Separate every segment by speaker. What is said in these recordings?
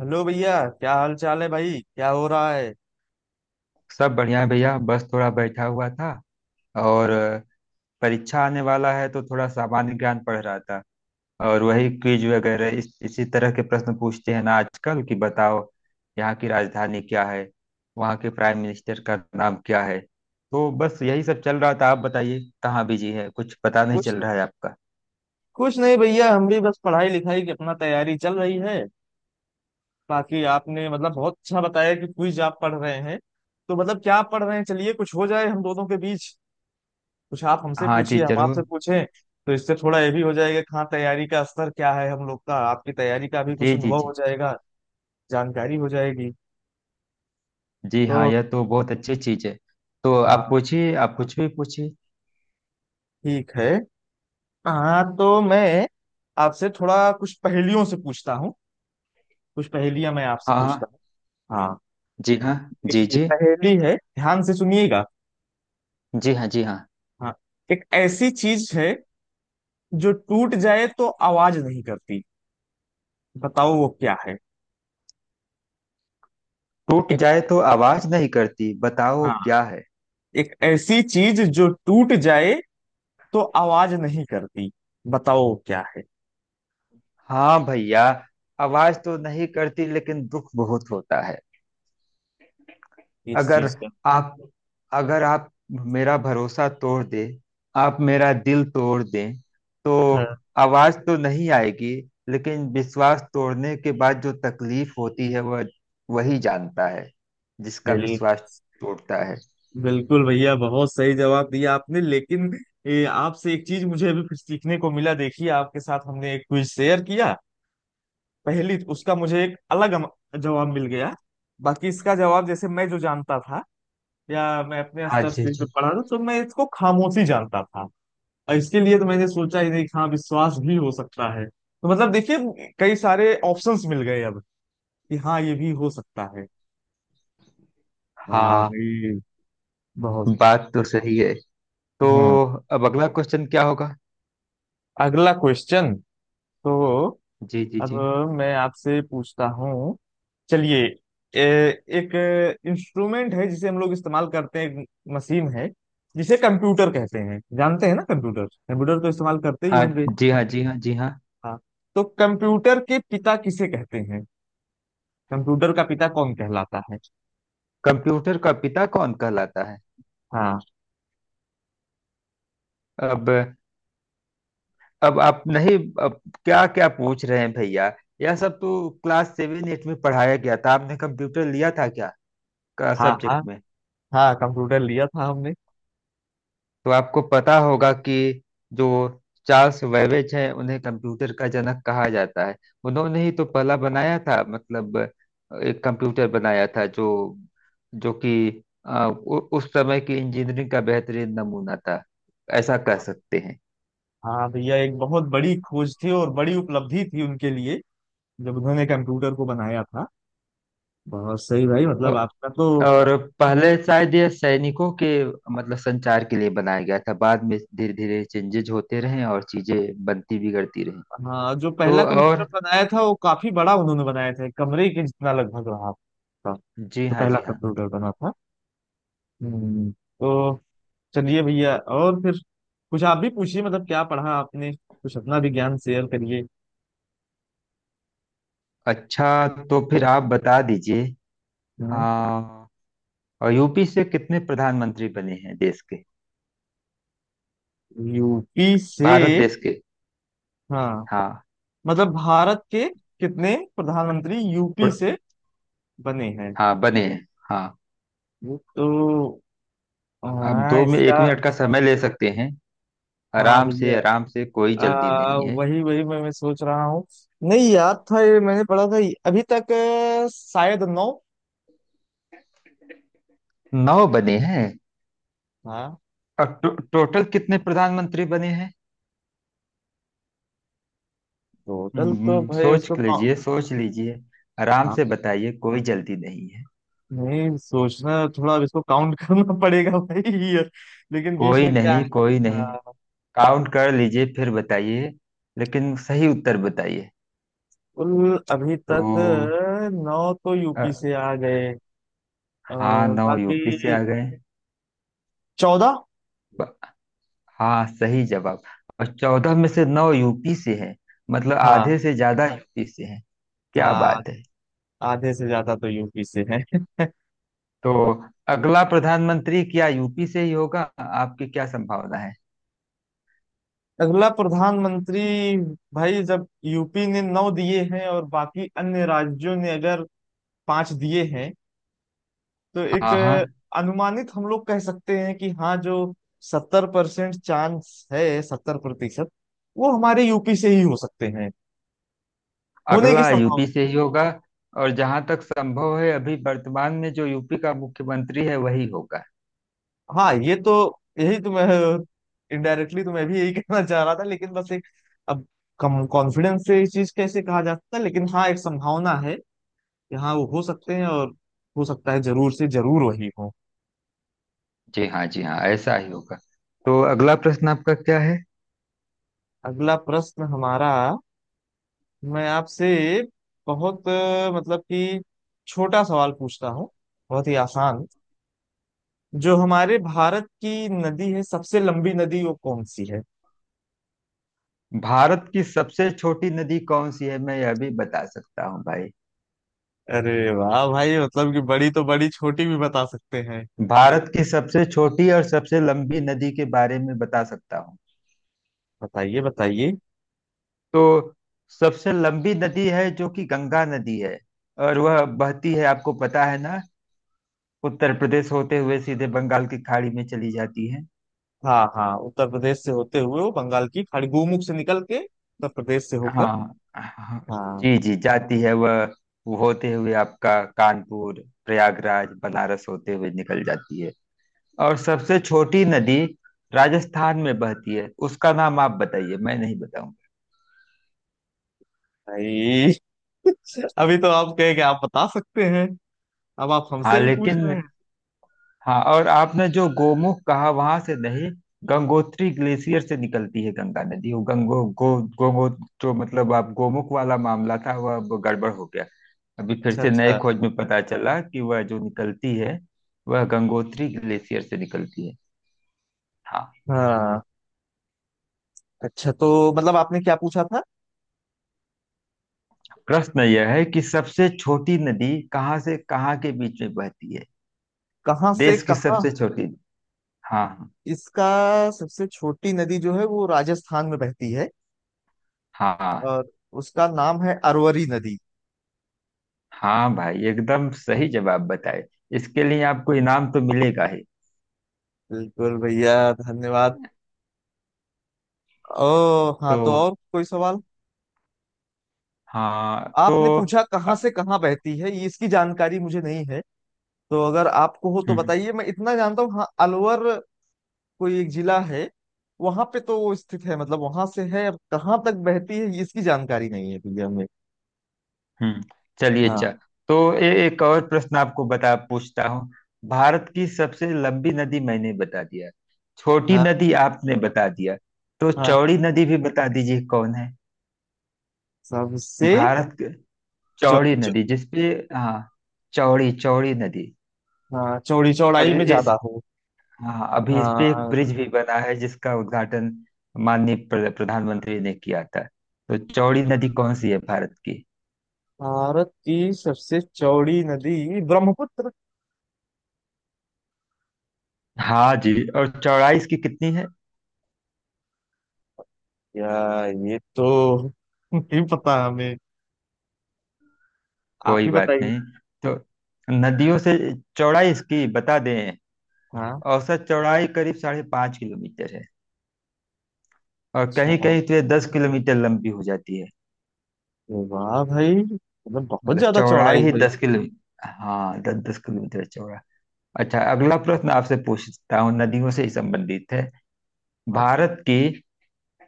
Speaker 1: Hello भैया, क्या हाल चाल है भाई? क्या हो रहा है?
Speaker 2: सब बढ़िया है भैया। बस थोड़ा बैठा हुआ था और परीक्षा आने वाला है तो थोड़ा सामान्य ज्ञान पढ़ रहा था। और वही क्विज वगैरह इस इसी तरह के प्रश्न पूछते हैं ना आजकल कि बताओ यहाँ की राजधानी क्या है, वहाँ के प्राइम मिनिस्टर का नाम क्या है। तो बस यही सब चल रहा था। आप बताइए कहाँ बिजी है, कुछ पता नहीं
Speaker 1: कुछ
Speaker 2: चल रहा है आपका।
Speaker 1: कुछ नहीं भैया। हम भी बस पढ़ाई लिखाई की अपना तैयारी चल रही है। बाकी आपने मतलब बहुत अच्छा बताया कि क्विज आप पढ़ रहे हैं, तो मतलब क्या आप पढ़ रहे हैं। चलिए कुछ हो जाए हम दोनों के बीच। कुछ आप हमसे
Speaker 2: हाँ जी
Speaker 1: पूछिए, हम आपसे
Speaker 2: जरूर।
Speaker 1: पूछें। तो इससे थोड़ा ये भी हो जाएगा कि हाँ, तैयारी का स्तर क्या है हम लोग का, आपकी तैयारी का भी
Speaker 2: जी
Speaker 1: कुछ
Speaker 2: जी
Speaker 1: अनुभव हो
Speaker 2: जी।
Speaker 1: जाएगा। जानकारी हो जाएगी।
Speaker 2: जी हाँ,
Speaker 1: तो
Speaker 2: यह तो बहुत अच्छी चीज है। तो आप
Speaker 1: हाँ,
Speaker 2: पूछिए, आप कुछ भी पूछिए।
Speaker 1: ठीक है। हाँ तो मैं आपसे थोड़ा कुछ पहेलियों से पूछता हूँ। कुछ पहेलियां मैं आपसे
Speaker 2: हाँ हाँ।
Speaker 1: पूछता हूँ। हाँ,
Speaker 2: जी हाँ। जी
Speaker 1: देखिए
Speaker 2: जी।
Speaker 1: पहेली है ध्यान से सुनिएगा।
Speaker 2: जी हाँ जी हाँ।
Speaker 1: हाँ, एक ऐसी चीज है जो टूट जाए तो आवाज नहीं करती, बताओ वो क्या है।
Speaker 2: टूट
Speaker 1: एक,
Speaker 2: जाए तो आवाज नहीं करती, बताओ
Speaker 1: हाँ,
Speaker 2: क्या है?
Speaker 1: एक ऐसी चीज जो टूट जाए तो आवाज नहीं करती, बताओ वो क्या है
Speaker 2: हाँ भैया, आवाज तो नहीं करती लेकिन दुख बहुत होता है।
Speaker 1: इस चीज
Speaker 2: अगर
Speaker 1: का।
Speaker 2: आप अगर आप मेरा भरोसा तोड़ दे, आप मेरा दिल तोड़ दें तो
Speaker 1: हाँ,
Speaker 2: आवाज तो नहीं आएगी, लेकिन विश्वास तोड़ने के बाद जो तकलीफ होती है वह वही जानता है जिसका
Speaker 1: बिल,
Speaker 2: विश्वास टूटता है।
Speaker 1: बिल्कुल भैया, बहुत सही जवाब दिया आपने। लेकिन आपसे एक चीज मुझे अभी फिर सीखने को मिला। देखिए आपके साथ हमने एक क्विज शेयर किया, पहली उसका मुझे एक अलग जवाब मिल गया। बाकी इसका जवाब जैसे मैं जो जानता था या मैं अपने
Speaker 2: हाँ
Speaker 1: स्तर
Speaker 2: जी
Speaker 1: से जो
Speaker 2: जी।
Speaker 1: पढ़ा था, तो मैं इसको खामोशी जानता था। और इसके लिए तो मैंने सोचा ही नहीं कि हाँ, विश्वास भी हो सकता है। तो मतलब देखिए कई सारे ऑप्शंस मिल गए अब, कि हाँ ये भी हो सकता है। वाह
Speaker 2: हाँ,
Speaker 1: भाई, बहुत।
Speaker 2: बात तो सही है। तो
Speaker 1: हम्म।
Speaker 2: अब अगला क्वेश्चन क्या होगा?
Speaker 1: अगला क्वेश्चन, तो
Speaker 2: जी जी
Speaker 1: अब
Speaker 2: जी।
Speaker 1: मैं आपसे पूछता हूँ। चलिए, एक इंस्ट्रूमेंट है जिसे हम लोग इस्तेमाल करते हैं, एक मशीन है जिसे कंप्यूटर कहते हैं। जानते हैं ना, कंप्यूटर कंप्यूटर तो इस्तेमाल करते ही
Speaker 2: हाँ
Speaker 1: होंगे।
Speaker 2: जी हाँ जी हाँ जी हाँ।
Speaker 1: हाँ, तो कंप्यूटर के पिता किसे कहते हैं? कंप्यूटर का पिता कौन कहलाता है?
Speaker 2: कंप्यूटर का पिता कौन कहलाता है?
Speaker 1: हाँ।
Speaker 2: अब अब आप नहीं, अब क्या क्या पूछ रहे हैं भैया? यह सब तो क्लास सेवन एट में पढ़ाया गया था। आपने कंप्यूटर लिया था क्या का
Speaker 1: हाँ, हाँ,
Speaker 2: सब्जेक्ट में?
Speaker 1: हाँ, कंप्यूटर लिया था हमने।
Speaker 2: तो आपको पता होगा कि जो चार्ल्स वेबेज है उन्हें कंप्यूटर का जनक कहा जाता है। उन्होंने ही तो पहला बनाया था, मतलब एक कंप्यूटर बनाया था जो जो कि उस समय की इंजीनियरिंग का बेहतरीन नमूना था, ऐसा कह सकते हैं।
Speaker 1: हाँ भैया, एक बहुत बड़ी खोज थी और बड़ी उपलब्धि थी उनके लिए जब उन्होंने कंप्यूटर को बनाया था। बहुत सही भाई, मतलब
Speaker 2: अ-
Speaker 1: आपका तो।
Speaker 2: और पहले शायद ये सैनिकों के मतलब संचार के लिए बनाया गया था, बाद में धीरे धीरे चेंजेज होते रहे और चीजें बनती बिगड़ती रही।
Speaker 1: हाँ, जो
Speaker 2: तो
Speaker 1: पहला कंप्यूटर
Speaker 2: और
Speaker 1: बनाया था वो काफी बड़ा उन्होंने बनाया था, एक कमरे के जितना लगभग रहा था।
Speaker 2: जी
Speaker 1: जो
Speaker 2: हाँ
Speaker 1: पहला
Speaker 2: जी हाँ।
Speaker 1: कंप्यूटर बना था। हम्म, तो चलिए भैया, और फिर कुछ आप भी पूछिए। मतलब क्या पढ़ा आपने, कुछ अपना भी ज्ञान शेयर करिए।
Speaker 2: अच्छा, तो फिर आप बता दीजिए।
Speaker 1: हम्म।
Speaker 2: हाँ, और यूपी से कितने प्रधानमंत्री बने हैं देश के,
Speaker 1: यूपी से।
Speaker 2: भारत देश के?
Speaker 1: हाँ,
Speaker 2: हाँ
Speaker 1: मतलब भारत के कितने प्रधानमंत्री यूपी
Speaker 2: और-
Speaker 1: से बने हैं?
Speaker 2: हाँ बने हैं हाँ।
Speaker 1: तो
Speaker 2: अब
Speaker 1: हाँ,
Speaker 2: दो में एक
Speaker 1: इसका।
Speaker 2: मिनट का समय ले सकते हैं,
Speaker 1: हाँ
Speaker 2: आराम
Speaker 1: भैया,
Speaker 2: से आराम से, कोई जल्दी नहीं है।
Speaker 1: वही वही मैं सोच रहा हूँ। नहीं याद था ये, मैंने पढ़ा था ये। अभी तक शायद 9।
Speaker 2: नौ बने हैं।
Speaker 1: हाँ।
Speaker 2: और टोटल कितने प्रधानमंत्री बने हैं?
Speaker 1: टोटल तो भाई
Speaker 2: सोच
Speaker 1: उसको
Speaker 2: लीजिए सोच लीजिए, आराम
Speaker 1: हाँ,
Speaker 2: से बताइए, कोई जल्दी नहीं है।
Speaker 1: नहीं सोचना थोड़ा। अब इसको काउंट करना पड़ेगा भाई ये। लेकिन बीच
Speaker 2: कोई
Speaker 1: में क्या
Speaker 2: नहीं
Speaker 1: है।
Speaker 2: कोई नहीं,
Speaker 1: हाँ,
Speaker 2: काउंट कर लीजिए फिर बताइए, लेकिन सही उत्तर बताइए।
Speaker 1: कुल अभी
Speaker 2: तो
Speaker 1: तक 9 तो
Speaker 2: अ,
Speaker 1: यूपी से आ गए। अ,
Speaker 2: हाँ, नौ
Speaker 1: बाकी
Speaker 2: यूपी से आ गए।
Speaker 1: 14।
Speaker 2: ब- हाँ सही जवाब। और 14 में से नौ यूपी से है, मतलब
Speaker 1: हाँ,
Speaker 2: आधे से ज्यादा यूपी से है। क्या
Speaker 1: हाँ,
Speaker 2: बात है!
Speaker 1: आधे से ज्यादा तो यूपी से है।
Speaker 2: तो अगला प्रधानमंत्री क्या यूपी से ही होगा, आपकी क्या संभावना है?
Speaker 1: अगला प्रधानमंत्री? भाई जब यूपी ने 9 दिए हैं और बाकी अन्य राज्यों ने अगर 5 दिए हैं, तो एक
Speaker 2: हाँ हाँ।
Speaker 1: अनुमानित हम लोग कह सकते हैं कि हाँ, जो 70% चांस है, 70% वो हमारे यूपी से ही हो सकते हैं होने की
Speaker 2: अगला यूपी
Speaker 1: संभावना।
Speaker 2: से ही होगा, और जहां तक संभव है अभी वर्तमान में जो यूपी का मुख्यमंत्री है वही होगा।
Speaker 1: हाँ ये तो, यही तो मैं इनडायरेक्टली तो मैं भी यही कहना चाह रहा था, लेकिन बस एक, अब कम कॉन्फिडेंस से इस चीज कैसे कहा जा सकता है। लेकिन हाँ, एक संभावना है कि हाँ, वो हो सकते हैं और हो सकता है जरूर से जरूर वही हो।
Speaker 2: जी हाँ जी हाँ, ऐसा ही होगा। तो अगला प्रश्न आपका क्या है?
Speaker 1: अगला प्रश्न हमारा। मैं आपसे बहुत मतलब कि छोटा सवाल पूछता हूँ, बहुत ही आसान। जो हमारे भारत की नदी है सबसे लंबी नदी, वो कौन सी है?
Speaker 2: भारत की सबसे छोटी नदी कौन सी है, मैं यह भी बता सकता हूँ भाई।
Speaker 1: अरे वाह भाई, मतलब कि बड़ी तो बड़ी, छोटी भी बता सकते हैं।
Speaker 2: भारत की सबसे छोटी और सबसे लंबी नदी के बारे में बता सकता हूँ।
Speaker 1: बताइए, बताइए।
Speaker 2: तो सबसे लंबी नदी है जो कि गंगा नदी है, और वह बहती है, आपको पता है ना, उत्तर प्रदेश होते हुए सीधे बंगाल की खाड़ी में चली जाती है।
Speaker 1: हाँ हाँ, उत्तर प्रदेश से होते हुए वो बंगाल की खाड़ी, गोमुख से निकल के उत्तर प्रदेश से होकर।
Speaker 2: हाँ हाँ।
Speaker 1: हाँ।
Speaker 2: जी जी, जाती है वह। वो होते हुए आपका कानपुर प्रयागराज बनारस होते हुए निकल जाती है। और सबसे छोटी नदी राजस्थान में बहती है, उसका नाम आप बताइए, मैं नहीं बताऊंगा।
Speaker 1: भाई अभी तो आप कहे कि आप बता सकते हैं, अब आप
Speaker 2: हाँ,
Speaker 1: हमसे ही पूछ
Speaker 2: लेकिन
Speaker 1: रहे हैं।
Speaker 2: हाँ, और आपने जो गोमुख कहा वहां से नहीं, गंगोत्री ग्लेशियर से निकलती है गंगा नदी। वो गंगो गो गोमो जो, मतलब आप गोमुख वाला मामला था वह अब गड़बड़ हो गया। अभी फिर
Speaker 1: अच्छा,
Speaker 2: से नए
Speaker 1: अच्छा।
Speaker 2: खोज में पता चला कि वह जो निकलती है वह गंगोत्री ग्लेशियर से निकलती है। हाँ।
Speaker 1: हाँ, अच्छा तो मतलब आपने क्या पूछा था?
Speaker 2: प्रश्न यह है कि सबसे छोटी नदी कहाँ से कहाँ के बीच में बहती है,
Speaker 1: कहाँ से
Speaker 2: देश की
Speaker 1: कहाँ?
Speaker 2: सबसे छोटी। हाँ
Speaker 1: इसका, सबसे छोटी नदी जो है वो राजस्थान में बहती है
Speaker 2: हाँ हाँ
Speaker 1: और उसका नाम है अरवरी नदी।
Speaker 2: हाँ। भाई, एकदम सही जवाब बताए, इसके लिए आपको इनाम तो मिलेगा ही।
Speaker 1: बिल्कुल भैया, धन्यवाद। ओ, हाँ
Speaker 2: तो
Speaker 1: तो
Speaker 2: और
Speaker 1: और कोई सवाल?
Speaker 2: हाँ तो
Speaker 1: आपने पूछा
Speaker 2: अ,
Speaker 1: कहाँ से कहाँ बहती है, ये इसकी जानकारी मुझे नहीं है। तो अगर आपको हो तो
Speaker 2: हम्म।
Speaker 1: बताइए। मैं इतना जानता हूँ, हाँ, अलवर कोई एक जिला है, वहां पे तो वो स्थित है, मतलब वहां से है। अब कहाँ तक बहती है इसकी जानकारी नहीं है भैया हमें।
Speaker 2: हम्म, चलिए, अच्छा।
Speaker 1: हाँ।
Speaker 2: तो एक और प्रश्न आपको बता पूछता हूँ। भारत की सबसे लंबी नदी मैंने बता दिया, छोटी
Speaker 1: हाँ।
Speaker 2: नदी आपने बता दिया, तो
Speaker 1: हाँ,
Speaker 2: चौड़ी नदी भी बता दीजिए कौन है?
Speaker 1: सबसे।
Speaker 2: भारत के-
Speaker 1: चौ,
Speaker 2: चौड़ी
Speaker 1: चौ,
Speaker 2: नदी जिसपे, हाँ, चौड़ी चौड़ी नदी,
Speaker 1: हाँ, चौड़ी,
Speaker 2: और
Speaker 1: चौड़ाई में
Speaker 2: इस,
Speaker 1: ज्यादा हो।
Speaker 2: हाँ अभी इस पे एक
Speaker 1: हाँ,
Speaker 2: ब्रिज भी बना है जिसका उद्घाटन माननीय प्रधानमंत्री ने किया था। तो चौड़ी नदी कौन सी है भारत की?
Speaker 1: भारत की सबसे चौड़ी नदी ब्रह्मपुत्र।
Speaker 2: हाँ जी, और चौड़ाई इसकी कितनी है?
Speaker 1: या ये तो नहीं पता हमें, आप
Speaker 2: कोई
Speaker 1: ही
Speaker 2: बात
Speaker 1: बताइए।
Speaker 2: नहीं। तो नदियों से, चौड़ाई इसकी बता दें।
Speaker 1: हाँ।
Speaker 2: औसत चौड़ाई करीब 5.5 किलोमीटर है, और
Speaker 1: अच्छा।
Speaker 2: कहीं कहीं तो ये 10 किलोमीटर लंबी हो जाती है।
Speaker 1: अरे वाह भाई, मतलब बहुत
Speaker 2: मतलब
Speaker 1: ज्यादा
Speaker 2: चौड़ाई
Speaker 1: चौड़ाई
Speaker 2: ही
Speaker 1: है।
Speaker 2: 10 किलोमीटर, हाँ दस दस किलोमीटर चौड़ा। अच्छा, अगला प्रश्न आपसे पूछता हूँ, नदियों से ही संबंधित है।
Speaker 1: इसका।
Speaker 2: भारत की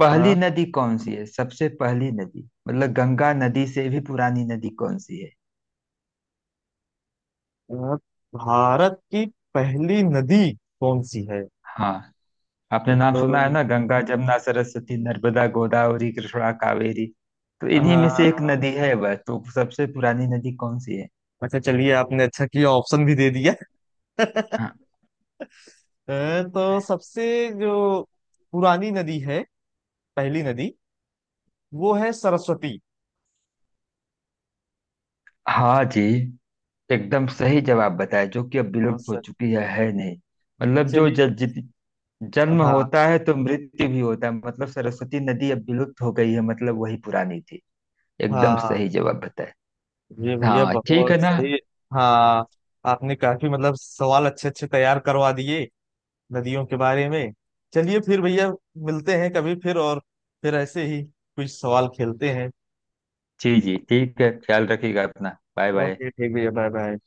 Speaker 2: पहली
Speaker 1: हाँ।
Speaker 2: नदी कौन सी है, सबसे पहली नदी, मतलब गंगा नदी से भी पुरानी नदी कौन सी है?
Speaker 1: अ, भारत की पहली नदी कौन सी है?
Speaker 2: हाँ, आपने नाम सुना है
Speaker 1: तो
Speaker 2: ना - गंगा, जमुना, सरस्वती, नर्मदा, गोदावरी, कृष्णा, कावेरी। तो इन्हीं में से एक नदी
Speaker 1: हाँ,
Speaker 2: है वह, तो सबसे पुरानी नदी कौन सी है?
Speaker 1: अच्छा चलिए, आपने अच्छा किया ऑप्शन भी दे दिया।
Speaker 2: हाँ
Speaker 1: तो सबसे जो पुरानी नदी है, पहली नदी, वो है सरस्वती।
Speaker 2: हाँ जी, एकदम सही जवाब बताया, जो कि अब
Speaker 1: हाँ
Speaker 2: विलुप्त हो
Speaker 1: सर।
Speaker 2: चुकी है नहीं। मतलब जो
Speaker 1: चलिए।
Speaker 2: ज, जित- जन्म
Speaker 1: हाँ,
Speaker 2: होता है तो मृत्यु भी होता है, मतलब सरस्वती नदी अब विलुप्त हो गई है, मतलब वही पुरानी थी। एकदम
Speaker 1: हाँ
Speaker 2: सही जवाब बताया।
Speaker 1: ये भैया
Speaker 2: हाँ ठीक
Speaker 1: बहुत
Speaker 2: है ना।
Speaker 1: सही। हाँ, आपने काफी मतलब सवाल अच्छे अच्छे तैयार करवा दिए नदियों के बारे में। चलिए फिर भैया, मिलते हैं कभी फिर और फिर ऐसे ही कुछ सवाल खेलते हैं।
Speaker 2: जी जी ठीक है, ख्याल रखिएगा अपना, बाय बाय।
Speaker 1: ओके, ठीक भैया, बाय बाय।